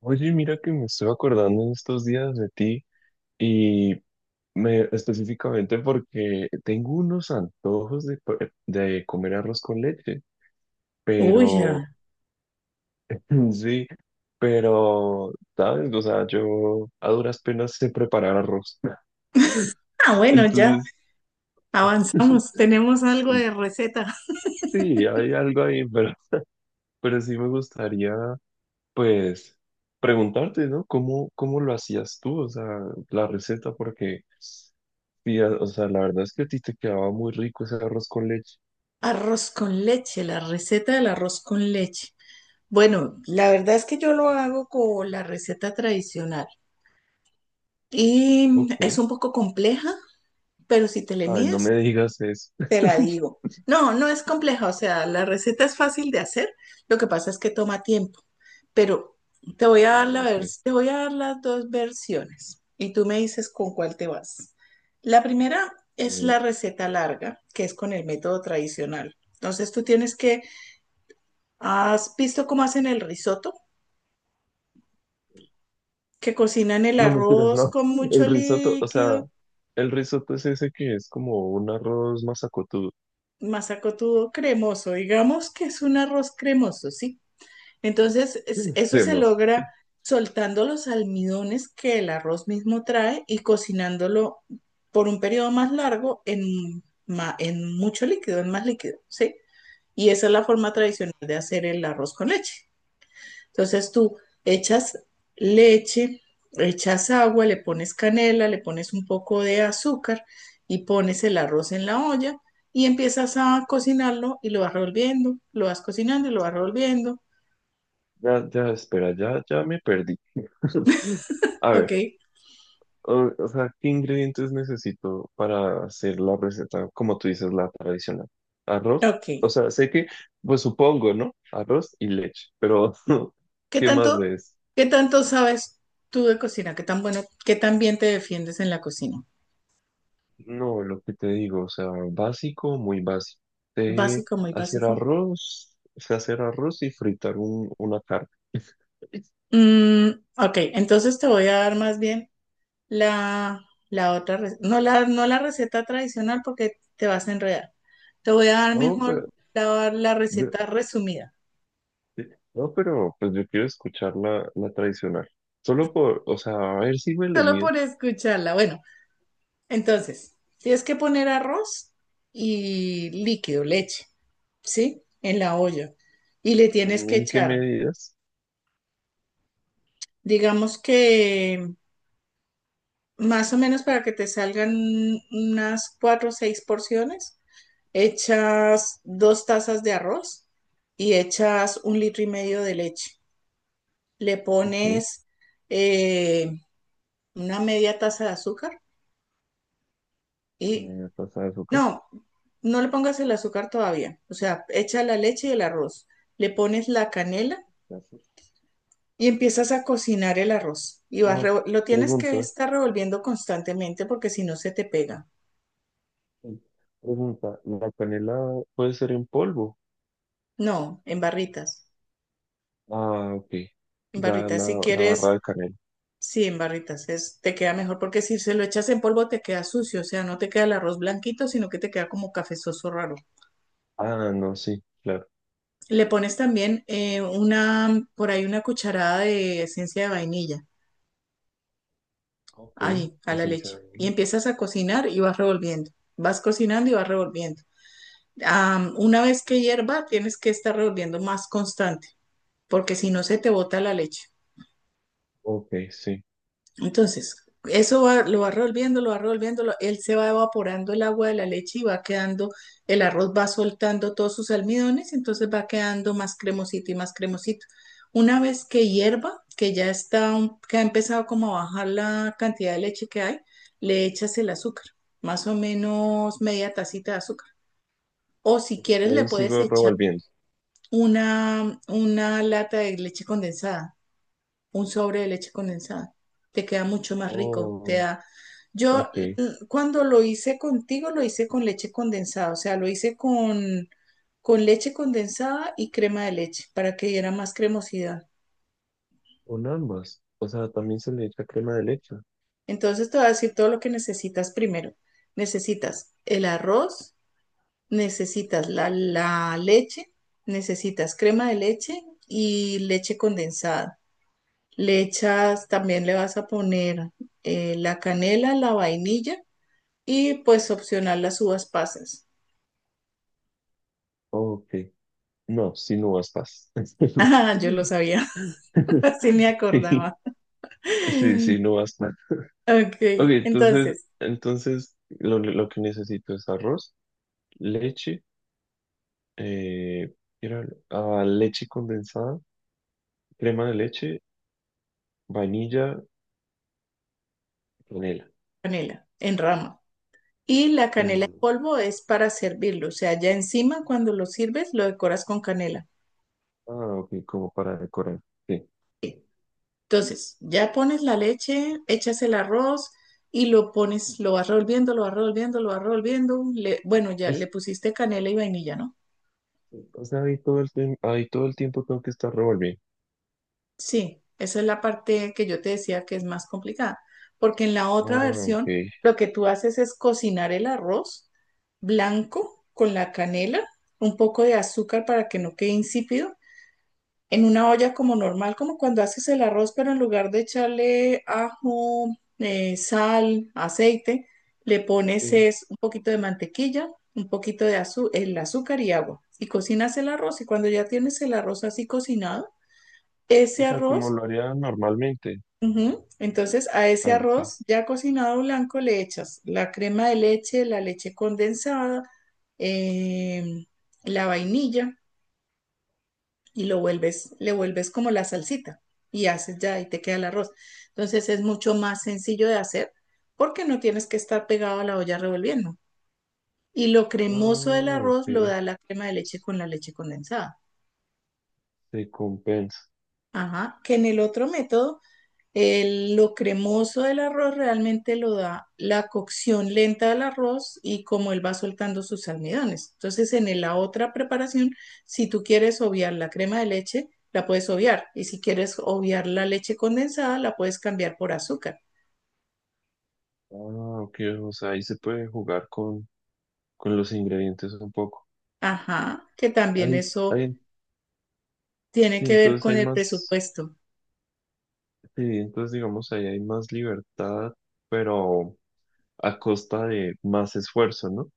Oye, mira que me estoy acordando en estos días de ti y me, específicamente porque tengo unos antojos de, de comer arroz con leche, Uy, pero ya. sí, pero, ¿sabes? O sea, yo a duras penas sé preparar arroz. Ah, bueno, ya Entonces, avanzamos. Tenemos algo de receta. sí, hay algo ahí, pero sí me gustaría pues preguntarte, ¿no? ¿Cómo lo hacías tú? O sea, la receta, porque, sí, o sea, la verdad es que a ti te quedaba muy rico ese arroz con leche. Arroz con leche, la receta del arroz con leche. Bueno, la verdad es que yo lo hago con la receta tradicional y es Ok. un poco compleja, pero si te le Ay, no me mides, digas eso. te la digo. No, no es compleja, o sea, la receta es fácil de hacer, lo que pasa es que toma tiempo, pero te voy a dar Ah, la ok. Te voy a dar las dos versiones y tú me dices con cuál te vas. La primera es la receta larga, que es con el método tradicional. Entonces tú tienes que, ¿has visto cómo hacen el risotto? Que cocinan el No mentiras, arroz no. con El mucho risotto, o sea, líquido, el risotto es ese que es como un arroz masacotudo. masacotudo cremoso, digamos que es un arroz cremoso, ¿sí? Entonces, eso se Hacemos. logra soltando los almidones que el arroz mismo trae y cocinándolo por un periodo más largo en mucho líquido, en más líquido, ¿sí? Y esa es la forma tradicional de hacer el arroz con leche. Entonces, tú echas leche, echas agua, le pones canela, le pones un poco de azúcar y pones el arroz en la olla y empiezas a cocinarlo y lo vas revolviendo, lo vas cocinando y lo vas revolviendo, Ya, ya, espera, ya, ya me perdí. A ¿ok? ver. O sea, ¿qué ingredientes necesito para hacer la receta, como tú dices, la tradicional? Arroz. O Ok. sea, sé que, pues supongo, ¿no? Arroz y leche, pero ¿Qué ¿qué más tanto, de eso? qué tanto sabes tú de cocina? ¿Qué tan bueno, qué tan bien te defiendes en la cocina? No, lo que te digo, o sea, básico, muy básico. Sé Básico, muy básico. Sé hacer arroz y fritar una carne. Mm, ok, entonces te voy a dar más bien la, la otra, no la receta tradicional porque te vas a enredar. Te voy a dar No, mejor pero, la de- receta resumida, no, pero pues yo quiero escuchar la tradicional. Solo por, o sea, a ver si me le solo mido. por escucharla. Bueno, entonces, tienes que poner arroz y líquido, leche, ¿sí? En la olla. Y le tienes que ¿En qué echar. medidas? Digamos que más o menos para que te salgan unas cuatro o seis porciones, echas 2 tazas de arroz y echas 1,5 litros de leche. Le Ok. pones eh, una media taza de azúcar y Pasta de azúcar. no, no le pongas el azúcar todavía. O sea, echa la leche y el arroz. Le pones la canela Gracias. y empiezas a cocinar el arroz. Y vas Ah, lo tienes que pregunta. estar revolviendo constantemente porque si no se te pega. Sí, pregunta. ¿La canela puede ser en polvo? No, en barritas. Ah, ok. En Ya barritas, si la barra quieres, de canela. sí, en barritas. Es, te queda mejor porque si se lo echas en polvo te queda sucio, o sea, no te queda el arroz blanquito, sino que te queda como cafezoso raro. Ah, no, sí, claro. Le pones también por ahí una cucharada de esencia de vainilla Ok, ahí, a la esencia de leche. Y vainilla. empiezas a cocinar y vas revolviendo. Vas cocinando y vas revolviendo. Una vez que hierva, tienes que estar revolviendo más constante, porque si no se te bota la leche. Ok, sí. Entonces, lo va revolviendo, él se va evaporando el agua de la leche y va quedando, el arroz va soltando todos sus almidones, entonces va quedando más cremosito y más cremosito. Una vez que hierva, que ya está, que ha empezado como a bajar la cantidad de leche que hay, le echas el azúcar, más o menos media tacita de azúcar. O si Y quieres, le ahí puedes sigo echar revolviendo. una lata de leche condensada, un sobre de leche condensada. Te queda mucho más rico, te Oh, da. Yo ok. Cuando lo hice contigo, lo hice con leche condensada, o sea, lo hice con leche condensada y crema de leche para que diera más cremosidad. Con ambas. O sea, también se le echa crema de leche. Entonces te voy a decir todo lo que necesitas primero. Necesitas el arroz, necesitas la leche, necesitas crema de leche y leche condensada. Le echas, también le vas a poner la canela, la vainilla. Y pues opcional las uvas pasas. Ok. No, sin uvas pasas. Ah, yo lo sabía, así me Sí, acordaba. sí, sin uvas. Ok, Ok, entonces, entonces, entonces lo que necesito es arroz, leche, eh, leche condensada, crema de leche, vainilla, canela. canela en rama. Y la En canela en polvo. polvo es para servirlo, o sea, ya encima cuando lo sirves lo decoras con canela. Ah, ok, como para decorar. Sí. Sí. Entonces, ya pones la leche, echas el arroz y lo pones, lo vas revolviendo, lo vas revolviendo, lo vas revolviendo. Bueno, ya le Es- pusiste canela y vainilla, ¿no? o sea, ahí ahí todo el tiempo tengo que estar revolviendo. Sí, esa es la parte que yo te decía que es más complicada, porque en la otra Ah, ok. versión lo que tú haces es cocinar el arroz blanco con la canela, un poco de azúcar para que no quede insípido, en una olla como normal, como cuando haces el arroz, pero en lugar de echarle ajo, sal, aceite, le pones Sí. es un poquito de mantequilla, un poquito de azu- el azúcar y agua, y cocinas el arroz, y cuando ya tienes el arroz así cocinado, O ese sea, como arroz. lo haría normalmente. Ujú. Entonces, a ese Ah, ok. arroz ya cocinado blanco le echas la crema de leche, la leche condensada, em, la vainilla y lo vuelves, le vuelves como la salsita y haces ya y te queda el arroz. Entonces, es mucho más sencillo de hacer porque no tienes que estar pegado a la olla revolviendo. Y lo cremoso del Ah, arroz lo ok. da la crema de leche con la leche condensada. Se compensa. Ajá, que en el otro método lo cremoso del arroz realmente lo da la cocción lenta del arroz y como él va soltando sus almidones. Entonces, en la otra preparación, si tú quieres obviar la crema de leche, la puedes obviar. Y si quieres obviar la leche condensada, la puedes cambiar por azúcar. Ah, ok. O sea, ahí se puede jugar con los ingredientes un poco. Ajá, que también Hay, eso hay, tiene sí, que ver entonces con hay el más, presupuesto. sí, entonces digamos ahí hay más libertad, pero a costa de más esfuerzo, ¿no?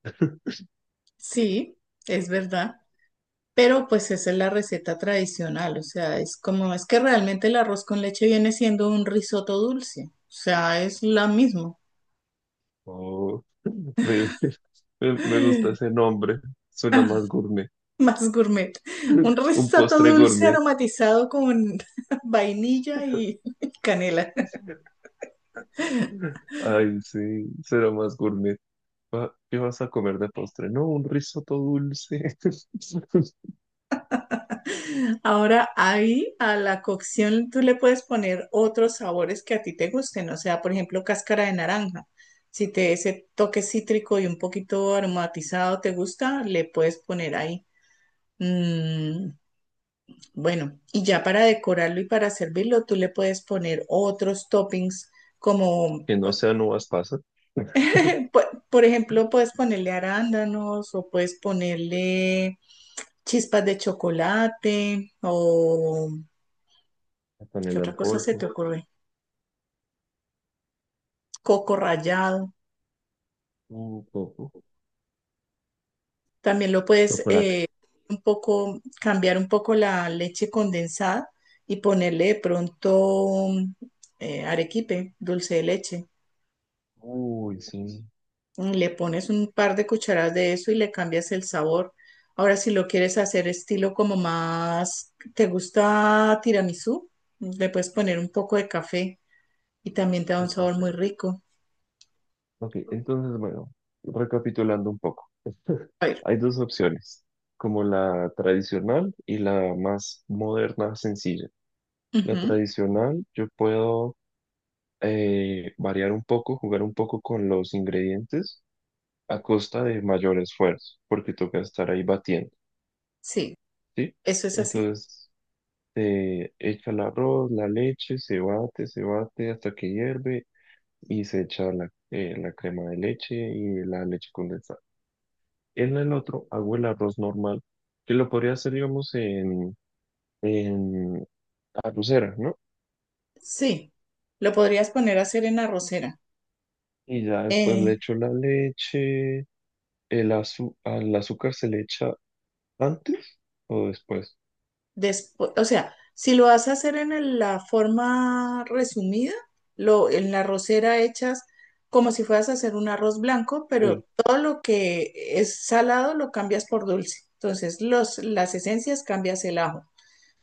Sí, es verdad. Pero pues esa es la receta tradicional, o sea, es como es que realmente el arroz con leche viene siendo un risotto dulce, o sea, es la misma, Oh, me, me gusta ese nombre, suena más gourmet, más gourmet. Un un risotto postre dulce gourmet. aromatizado con vainilla y canela. Ay, sí, será más gourmet. ¿Qué vas a comer de postre? No, un risotto dulce. Ahora ahí a la cocción tú le puedes poner otros sabores que a ti te gusten, o sea, por ejemplo, cáscara de naranja. Si te ese toque cítrico y un poquito aromatizado te gusta, le puedes poner ahí. Mm, bueno, y ya para decorarlo y para servirlo, tú le puedes poner otros toppings como, Que no sean uvas pasas. po- por ejemplo, puedes ponerle arándanos o puedes ponerle chispas de chocolate o La ¿qué canela otra en cosa se polvo. te ocurre? Coco rallado. Un poco. También lo puedes Chocolate. Un poco cambiar un poco la leche condensada y ponerle de pronto arequipe, dulce de leche. Uy, sí. Le pones un par de cucharadas de eso y le cambias el sabor. Ahora, si lo quieres hacer estilo como más, ¿te gusta tiramisú? Le puedes poner un poco de café y también te da un Ay, no. sabor muy rico. Ok, entonces, bueno, recapitulando un poco, A ver, hay dos opciones, como la tradicional y la más moderna, sencilla. La ujú. tradicional, yo puedo variar un poco, jugar un poco con los ingredientes a costa de mayor esfuerzo, porque toca estar ahí batiendo, Sí, ¿sí? eso es así. Entonces, se echa el arroz, la leche, se bate hasta que hierve y se echa la crema de leche y la leche condensada. En el otro hago el arroz normal, que lo podría hacer, digamos, en arrocera, ¿no? Sí, lo podrías poner a hacer en arrocera. Y ya después le Eh, echo la leche, al azúcar se le echa antes o después. Después, o sea, si lo vas a hacer en la forma resumida, lo, en la rosera echas como si fueras a hacer un arroz blanco, Sí. pero todo lo que es salado lo cambias por dulce. Entonces, los, las esencias cambias el ajo.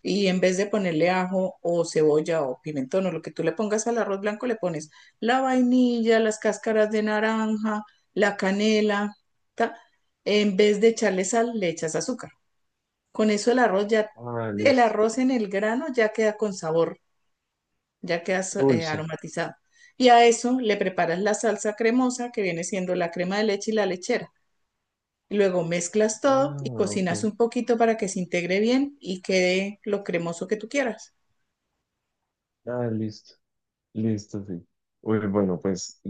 Y en vez de ponerle ajo o cebolla o pimentón o lo que tú le pongas al arroz blanco, le pones la vainilla, las cáscaras de naranja, la canela, ¿ta? En vez de echarle sal, le echas azúcar. Con eso el arroz ya, Ah, el listo. arroz en el grano ya queda con sabor, ya queda Dulce. aromatizado. Y a eso le preparas la salsa cremosa que viene siendo la crema de leche y la lechera. Luego mezclas Ah, todo y ok. cocinas un poquito para que se integre bien y quede lo cremoso que tú quieras. Ah, listo. Listo, sí. Uy, bueno, pues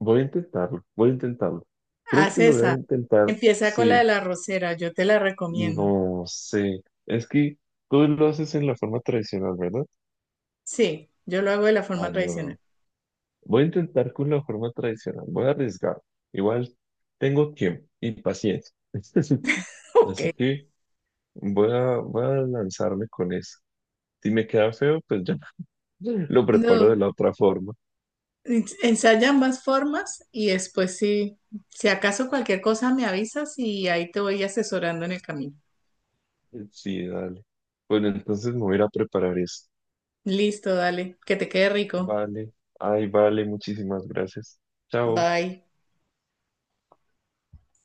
voy a intentarlo, voy a intentarlo. Creo Haz que lo voy a esa. intentar, Empieza con la de sí, la arrocera, yo te la recomiendo. no sé. Es que tú lo haces en la forma tradicional, ¿verdad? Sí, yo lo hago de la Ah, forma no, no, tradicional. no. Voy a intentar con la forma tradicional. Voy a arriesgar. Igual tengo tiempo y paciencia. Ok. Así que voy a lanzarme con eso. Si me queda feo, pues ya lo preparo No. de la otra forma. Ensaya ambas formas y después sí, si acaso cualquier cosa me avisas y ahí te voy asesorando en el camino. Sí, dale. Bueno, entonces me voy a ir a preparar eso. Listo, dale, que te quede rico. Vale. Ay, vale. Muchísimas gracias. Chao. Bye.